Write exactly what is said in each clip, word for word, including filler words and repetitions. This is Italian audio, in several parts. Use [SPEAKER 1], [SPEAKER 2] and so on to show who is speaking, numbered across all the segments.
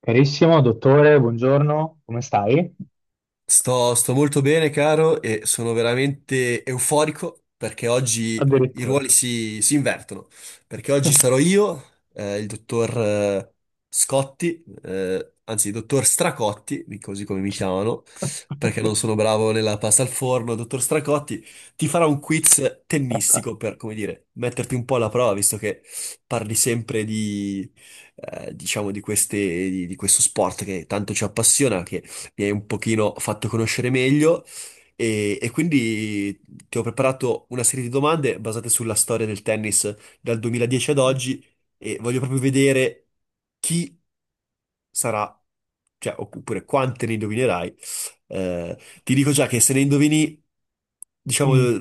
[SPEAKER 1] Carissimo dottore, buongiorno, come stai?
[SPEAKER 2] Sto, sto molto bene, caro, e sono veramente euforico perché oggi i
[SPEAKER 1] Addirittura.
[SPEAKER 2] ruoli si, si invertono. Perché oggi sarò io, eh, il dottor eh, Scotti, eh, anzi, il dottor Stracotti, così come mi chiamano, perché non sono bravo nella pasta al forno. Dottor Stracotti ti farà un quiz
[SPEAKER 1] Vabbè.
[SPEAKER 2] tennistico per, come dire, metterti un po' alla prova, visto che parli sempre di, eh, diciamo, di queste, di, di questo sport che tanto ci appassiona, mi hai un pochino fatto conoscere meglio e, e quindi ti ho preparato una serie di domande basate sulla storia del tennis dal duemiladieci ad oggi e voglio proprio vedere chi sarà, cioè, oppure quante ne indovinerai. Eh, ti dico già che se ne indovini, diciamo,
[SPEAKER 1] Mm.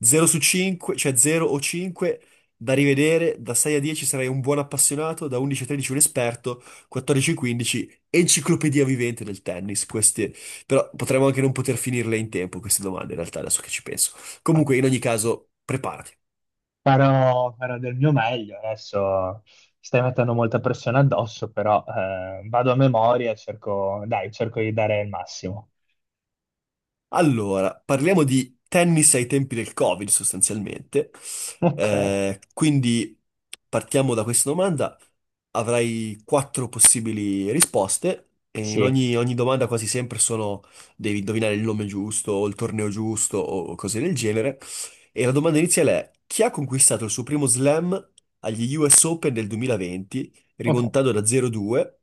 [SPEAKER 2] zero su cinque, cioè zero o cinque, da rivedere, da sei a dieci sarai un buon appassionato, da undici a tredici un esperto, quattordici a quindici enciclopedia vivente del tennis, queste, però potremmo anche non poter finirle in tempo queste domande, in realtà, adesso che ci penso. Comunque, in ogni caso, preparati.
[SPEAKER 1] Farò, farò del mio meglio. Adesso stai mettendo molta pressione addosso, però eh, vado a memoria e cerco, dai, cerco di dare il massimo.
[SPEAKER 2] Allora, parliamo di tennis ai tempi del Covid sostanzialmente.
[SPEAKER 1] Ok.
[SPEAKER 2] Eh, quindi partiamo da questa domanda. Avrai quattro possibili risposte e in
[SPEAKER 1] Sì.
[SPEAKER 2] ogni, ogni domanda quasi sempre sono devi indovinare il nome giusto o il torneo giusto o cose del genere. E la domanda iniziale è chi ha conquistato il suo primo slam agli U S Open del duemilaventi,
[SPEAKER 1] Ok.
[SPEAKER 2] rimontando da zero due?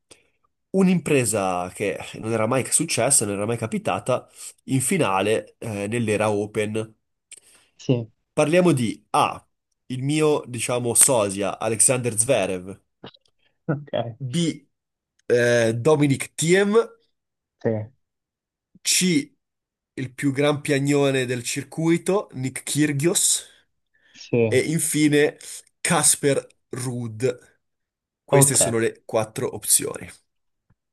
[SPEAKER 2] Un'impresa che non era mai successa, non era mai capitata in finale eh, nell'era Open.
[SPEAKER 1] Sì.
[SPEAKER 2] Parliamo di A, il mio, diciamo, sosia Alexander Zverev,
[SPEAKER 1] Ok.
[SPEAKER 2] B, eh, Dominic Thiem,
[SPEAKER 1] Sì,
[SPEAKER 2] C, il più gran piagnone del circuito, Nick Kyrgios, e
[SPEAKER 1] sì.
[SPEAKER 2] infine Casper Ruud. Queste
[SPEAKER 1] Ok.
[SPEAKER 2] sono le quattro opzioni.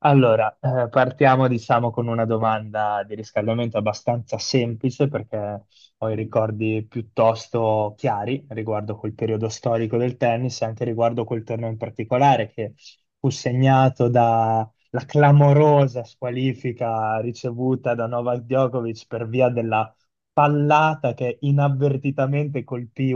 [SPEAKER 1] Allora, eh, partiamo diciamo con una domanda di riscaldamento abbastanza semplice perché ho i ricordi piuttosto chiari riguardo quel periodo storico del tennis e anche riguardo quel torneo in particolare che fu segnato dalla clamorosa squalifica ricevuta da Novak Djokovic per via della pallata che inavvertitamente colpì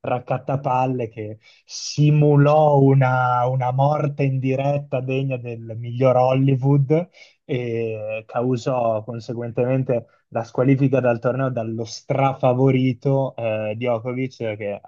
[SPEAKER 1] raccattapalle che simulò una, una morte in diretta degna del miglior Hollywood e causò conseguentemente la squalifica dal torneo dallo strafavorito eh, Djokovic che eh,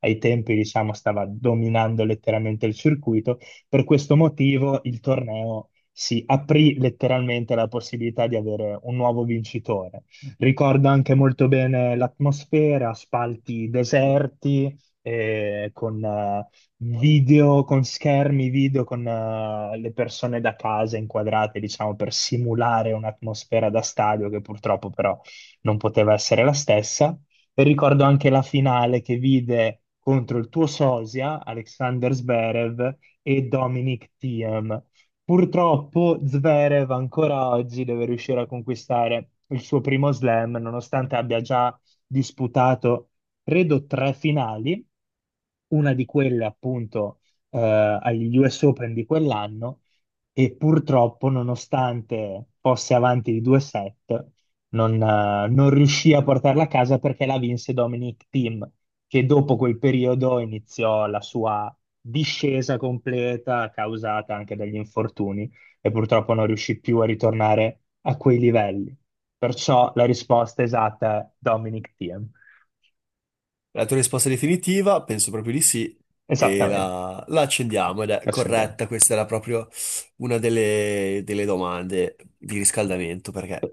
[SPEAKER 1] ai tempi diciamo stava dominando letteralmente il circuito. Per questo motivo il torneo si aprì letteralmente la possibilità di avere un nuovo vincitore. Ricordo anche molto bene l'atmosfera, spalti deserti, eh, con eh, video, con schermi video, con eh, le persone da casa inquadrate, diciamo, per simulare un'atmosfera da stadio che purtroppo però non poteva essere la stessa. E ricordo anche la finale che vide contro il tuo sosia, Alexander Zverev, e Dominic Thiem. Purtroppo Zverev ancora oggi deve riuscire a conquistare il suo primo slam, nonostante abbia già disputato, credo, tre finali, una di quelle appunto eh, agli U S Open di quell'anno, e purtroppo, nonostante fosse avanti di due set, non, eh, non riuscì a portarla a casa perché la vinse Dominic Thiem, che dopo quel periodo iniziò la sua discesa completa causata anche dagli infortuni e purtroppo non riuscì più a ritornare a quei livelli. Perciò la risposta esatta è Dominic Thiem.
[SPEAKER 2] La tua risposta è definitiva? Penso proprio di sì. E
[SPEAKER 1] Esattamente.
[SPEAKER 2] la, la accendiamo ed è
[SPEAKER 1] Accendiamo.
[SPEAKER 2] corretta. Questa era proprio una delle, delle domande di riscaldamento perché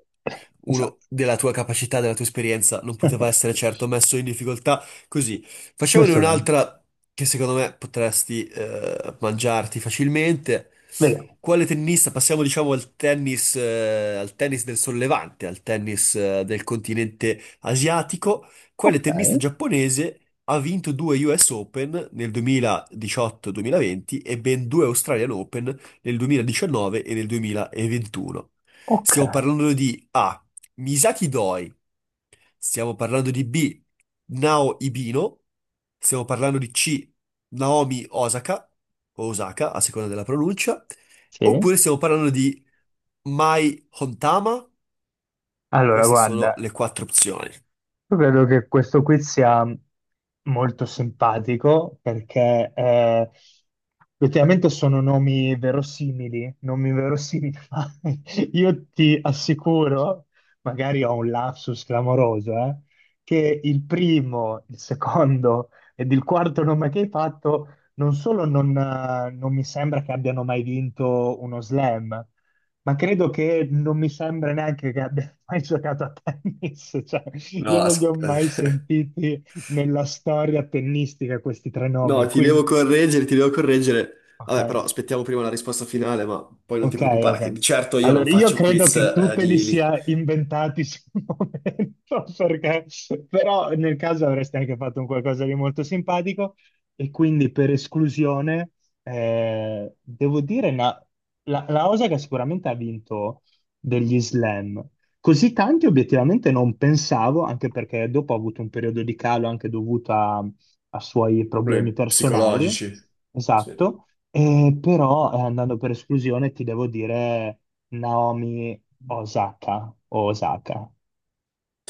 [SPEAKER 2] uno
[SPEAKER 1] Esatto.
[SPEAKER 2] della tua capacità, della tua esperienza, non poteva essere certo messo in difficoltà così. Facciamone
[SPEAKER 1] Molto bene.
[SPEAKER 2] un'altra che secondo me potresti eh, mangiarti facilmente.
[SPEAKER 1] Vediamo.
[SPEAKER 2] Quale tennista? Passiamo, diciamo, al tennis, eh, al tennis del sollevante, al tennis eh, del continente asiatico. Quale
[SPEAKER 1] Ok.
[SPEAKER 2] tennista giapponese ha vinto due U S Open nel duemiladiciotto-duemilaventi e ben due Australian Open nel duemiladiciannove e nel duemilaventuno?
[SPEAKER 1] Ok.
[SPEAKER 2] Stiamo parlando di A. Misaki Doi. Stiamo parlando di B, Nao Ibino. Stiamo parlando di C, Naomi Osaka, o Osaka, a seconda della pronuncia.
[SPEAKER 1] Sì.
[SPEAKER 2] Oppure stiamo parlando di Mai Hontama.
[SPEAKER 1] Allora,
[SPEAKER 2] Queste sono
[SPEAKER 1] guarda,
[SPEAKER 2] le quattro opzioni.
[SPEAKER 1] io credo che questo quiz sia molto simpatico perché eh, effettivamente sono nomi verosimili, nomi verosimili, ma io ti assicuro, magari ho un lapsus clamoroso, eh, che il primo, il secondo ed il quarto nome che hai fatto non solo non, eh, non mi sembra che abbiano mai vinto uno slam, ma credo che non mi sembra neanche che abbia mai giocato a tennis, cioè io
[SPEAKER 2] No,
[SPEAKER 1] non li
[SPEAKER 2] as-
[SPEAKER 1] ho mai
[SPEAKER 2] eh,
[SPEAKER 1] sentiti nella storia tennistica questi tre
[SPEAKER 2] no,
[SPEAKER 1] nomi,
[SPEAKER 2] ti
[SPEAKER 1] quindi
[SPEAKER 2] devo correggere, ti devo correggere. Vabbè, però
[SPEAKER 1] ok.
[SPEAKER 2] aspettiamo prima la risposta finale, ma poi non ti
[SPEAKER 1] Ok,
[SPEAKER 2] preoccupare, che
[SPEAKER 1] ok.
[SPEAKER 2] di certo io non
[SPEAKER 1] Allora, io
[SPEAKER 2] faccio
[SPEAKER 1] credo
[SPEAKER 2] quiz
[SPEAKER 1] che tu
[SPEAKER 2] eh,
[SPEAKER 1] te li
[SPEAKER 2] di, di
[SPEAKER 1] sia inventati sul momento, perché però nel caso avresti anche fatto un qualcosa di molto simpatico e quindi per esclusione eh, devo dire na- la, la Osaka sicuramente ha vinto degli slam. Così tanti obiettivamente non pensavo, anche perché dopo ha avuto un periodo di calo anche dovuto a a suoi problemi
[SPEAKER 2] problemi
[SPEAKER 1] personali.
[SPEAKER 2] psicologici. Sì.
[SPEAKER 1] Esatto. Eh, però, eh, andando per esclusione, ti devo dire Naomi Osaka o Osaka.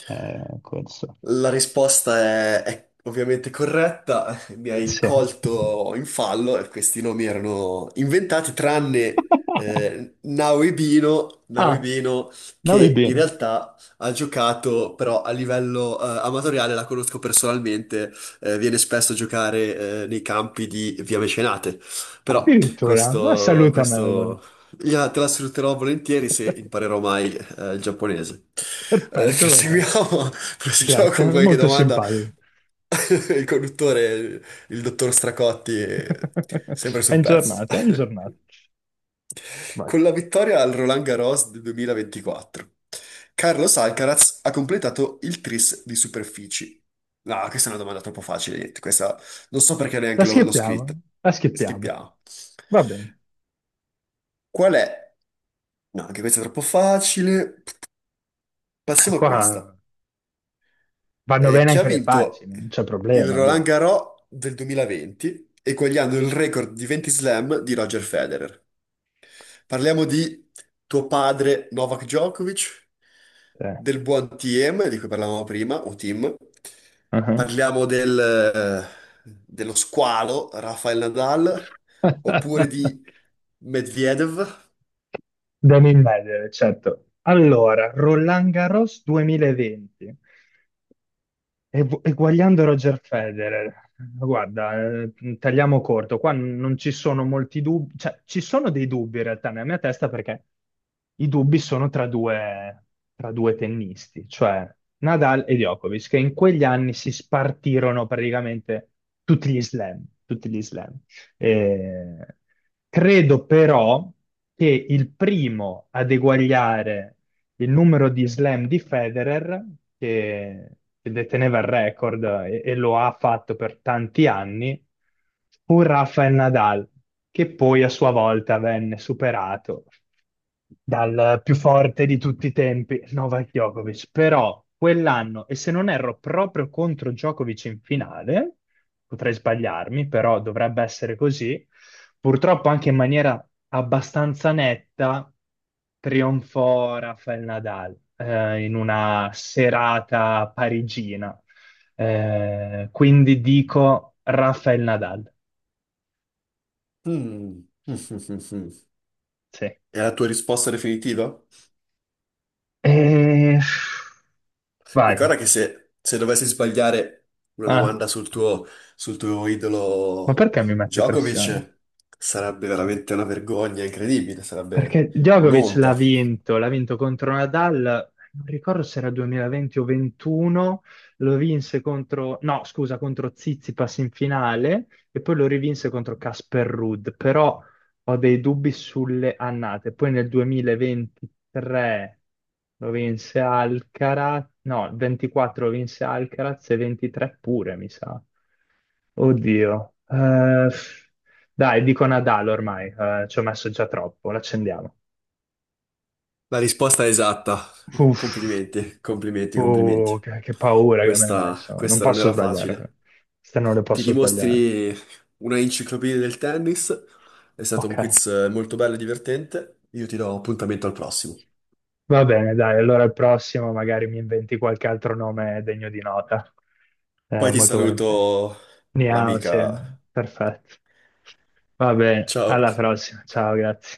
[SPEAKER 1] Eh, questo.
[SPEAKER 2] La risposta è, è ovviamente corretta, mi hai
[SPEAKER 1] Sì.
[SPEAKER 2] colto in fallo, e questi nomi erano inventati tranne eh, Nauibino,
[SPEAKER 1] Ah,
[SPEAKER 2] Nauibino,
[SPEAKER 1] Naomi
[SPEAKER 2] che in
[SPEAKER 1] bene.
[SPEAKER 2] realtà ha giocato però a livello eh, amatoriale, la conosco personalmente, eh, viene spesso a giocare eh, nei campi di Via Mecenate, Mm. però
[SPEAKER 1] Addirittura, ma
[SPEAKER 2] questo,
[SPEAKER 1] salutamela allora.
[SPEAKER 2] questo gliela- te la sfrutterò volentieri se imparerò mai eh, il giapponese. Eh,
[SPEAKER 1] Perfetto, perfetto.
[SPEAKER 2] proseguiamo Proseguiamo
[SPEAKER 1] Grazie,
[SPEAKER 2] con qualche
[SPEAKER 1] molto
[SPEAKER 2] domanda.
[SPEAKER 1] simpatico.
[SPEAKER 2] Il conduttore, il dottor Stracotti, è sempre
[SPEAKER 1] È
[SPEAKER 2] sul
[SPEAKER 1] in
[SPEAKER 2] pezzo.
[SPEAKER 1] giornata, è in giornata. Vai.
[SPEAKER 2] Con la vittoria al Roland Garros del duemilaventiquattro, Carlos Alcaraz ha completato il tris di superfici. No, questa è una domanda troppo facile, niente, questa non so perché
[SPEAKER 1] La
[SPEAKER 2] neanche l'ho l'ho scritta.
[SPEAKER 1] schippiamo, la schippiamo.
[SPEAKER 2] Schippiamo.
[SPEAKER 1] Va bene.
[SPEAKER 2] Qual è? No, anche questa è troppo facile.
[SPEAKER 1] Eh,
[SPEAKER 2] Passiamo a questa.
[SPEAKER 1] qua vanno
[SPEAKER 2] eh,
[SPEAKER 1] bene
[SPEAKER 2] che ha
[SPEAKER 1] anche le facili,
[SPEAKER 2] vinto
[SPEAKER 1] non c'è
[SPEAKER 2] il
[SPEAKER 1] problema
[SPEAKER 2] Roland
[SPEAKER 1] io.
[SPEAKER 2] Garros del duemilaventi, eguagliando il record di venti slam di Roger Federer. Parliamo di tuo padre Novak Djokovic,
[SPEAKER 1] Eh.
[SPEAKER 2] del buon T M di cui parlavamo prima, o Tim. Parliamo del, eh, dello squalo Rafael Nadal, oppure di Medvedev.
[SPEAKER 1] Devo immaginare, certo. Allora, Roland Garros duemilaventi. E gu- e guagliando Roger Federer, guarda, eh, tagliamo corto, qua non ci sono molti dubbi, cioè ci sono dei dubbi in realtà nella mia testa perché i dubbi sono tra due, tra due tennisti, cioè Nadal e Djokovic, che in quegli anni si spartirono praticamente tutti gli slam, tutti gli slam. Eh, credo però che il primo ad eguagliare il numero di slam di Federer, che, che deteneva il record e, e lo ha fatto per tanti anni, fu Rafael Nadal, che poi a sua volta venne superato dal più forte di tutti i tempi, Novak Djokovic. Però quell'anno, e se non erro proprio contro Djokovic in finale, potrei sbagliarmi, però dovrebbe essere così, purtroppo anche in maniera abbastanza netta, trionfò Rafael Nadal eh, in una serata parigina. Eh, quindi dico Rafael Nadal.
[SPEAKER 2] Mm.
[SPEAKER 1] Sì.
[SPEAKER 2] È la tua risposta definitiva?
[SPEAKER 1] E- Vai.
[SPEAKER 2] Ricorda che se, se, dovessi sbagliare una
[SPEAKER 1] Ah,
[SPEAKER 2] domanda sul tuo, sul tuo
[SPEAKER 1] ma
[SPEAKER 2] idolo
[SPEAKER 1] perché mi mette pressione?
[SPEAKER 2] Djokovic, sarebbe veramente una vergogna incredibile, sarebbe
[SPEAKER 1] Perché Djokovic l'ha
[SPEAKER 2] un'onta.
[SPEAKER 1] vinto, l'ha vinto contro Nadal, non ricordo se era duemilaventi o ventuno, lo vinse contro, no, scusa, contro Tsitsipas in finale e poi lo rivinse contro Casper Ruud, però ho dei dubbi sulle annate. Poi nel duemilaventitré lo vinse Alcaraz, no, il ventiquattro lo vinse Alcaraz e ventitré pure, mi sa. Oddio. Eh, dai, dico Nadal ormai, eh, ci ho messo già troppo, l'accendiamo.
[SPEAKER 2] La risposta è esatta.
[SPEAKER 1] Uff,
[SPEAKER 2] Complimenti, complimenti, complimenti.
[SPEAKER 1] oh, che, che paura che mi hai
[SPEAKER 2] Questa,
[SPEAKER 1] messo. Non
[SPEAKER 2] questa non
[SPEAKER 1] posso
[SPEAKER 2] era
[SPEAKER 1] sbagliare.
[SPEAKER 2] facile.
[SPEAKER 1] Queste non le
[SPEAKER 2] Ti
[SPEAKER 1] posso sbagliare.
[SPEAKER 2] dimostri una enciclopedia del tennis. È stato
[SPEAKER 1] Ok.
[SPEAKER 2] un quiz eh, molto bello e divertente. Io ti do appuntamento al prossimo.
[SPEAKER 1] Va bene, dai, allora al prossimo magari mi inventi qualche altro nome degno di nota. Eh,
[SPEAKER 2] Poi ti
[SPEAKER 1] molto volentieri.
[SPEAKER 2] saluto
[SPEAKER 1] Niao, sì,
[SPEAKER 2] l'amica.
[SPEAKER 1] perfetto. Va bene, alla
[SPEAKER 2] Ciao.
[SPEAKER 1] prossima. Ciao, grazie.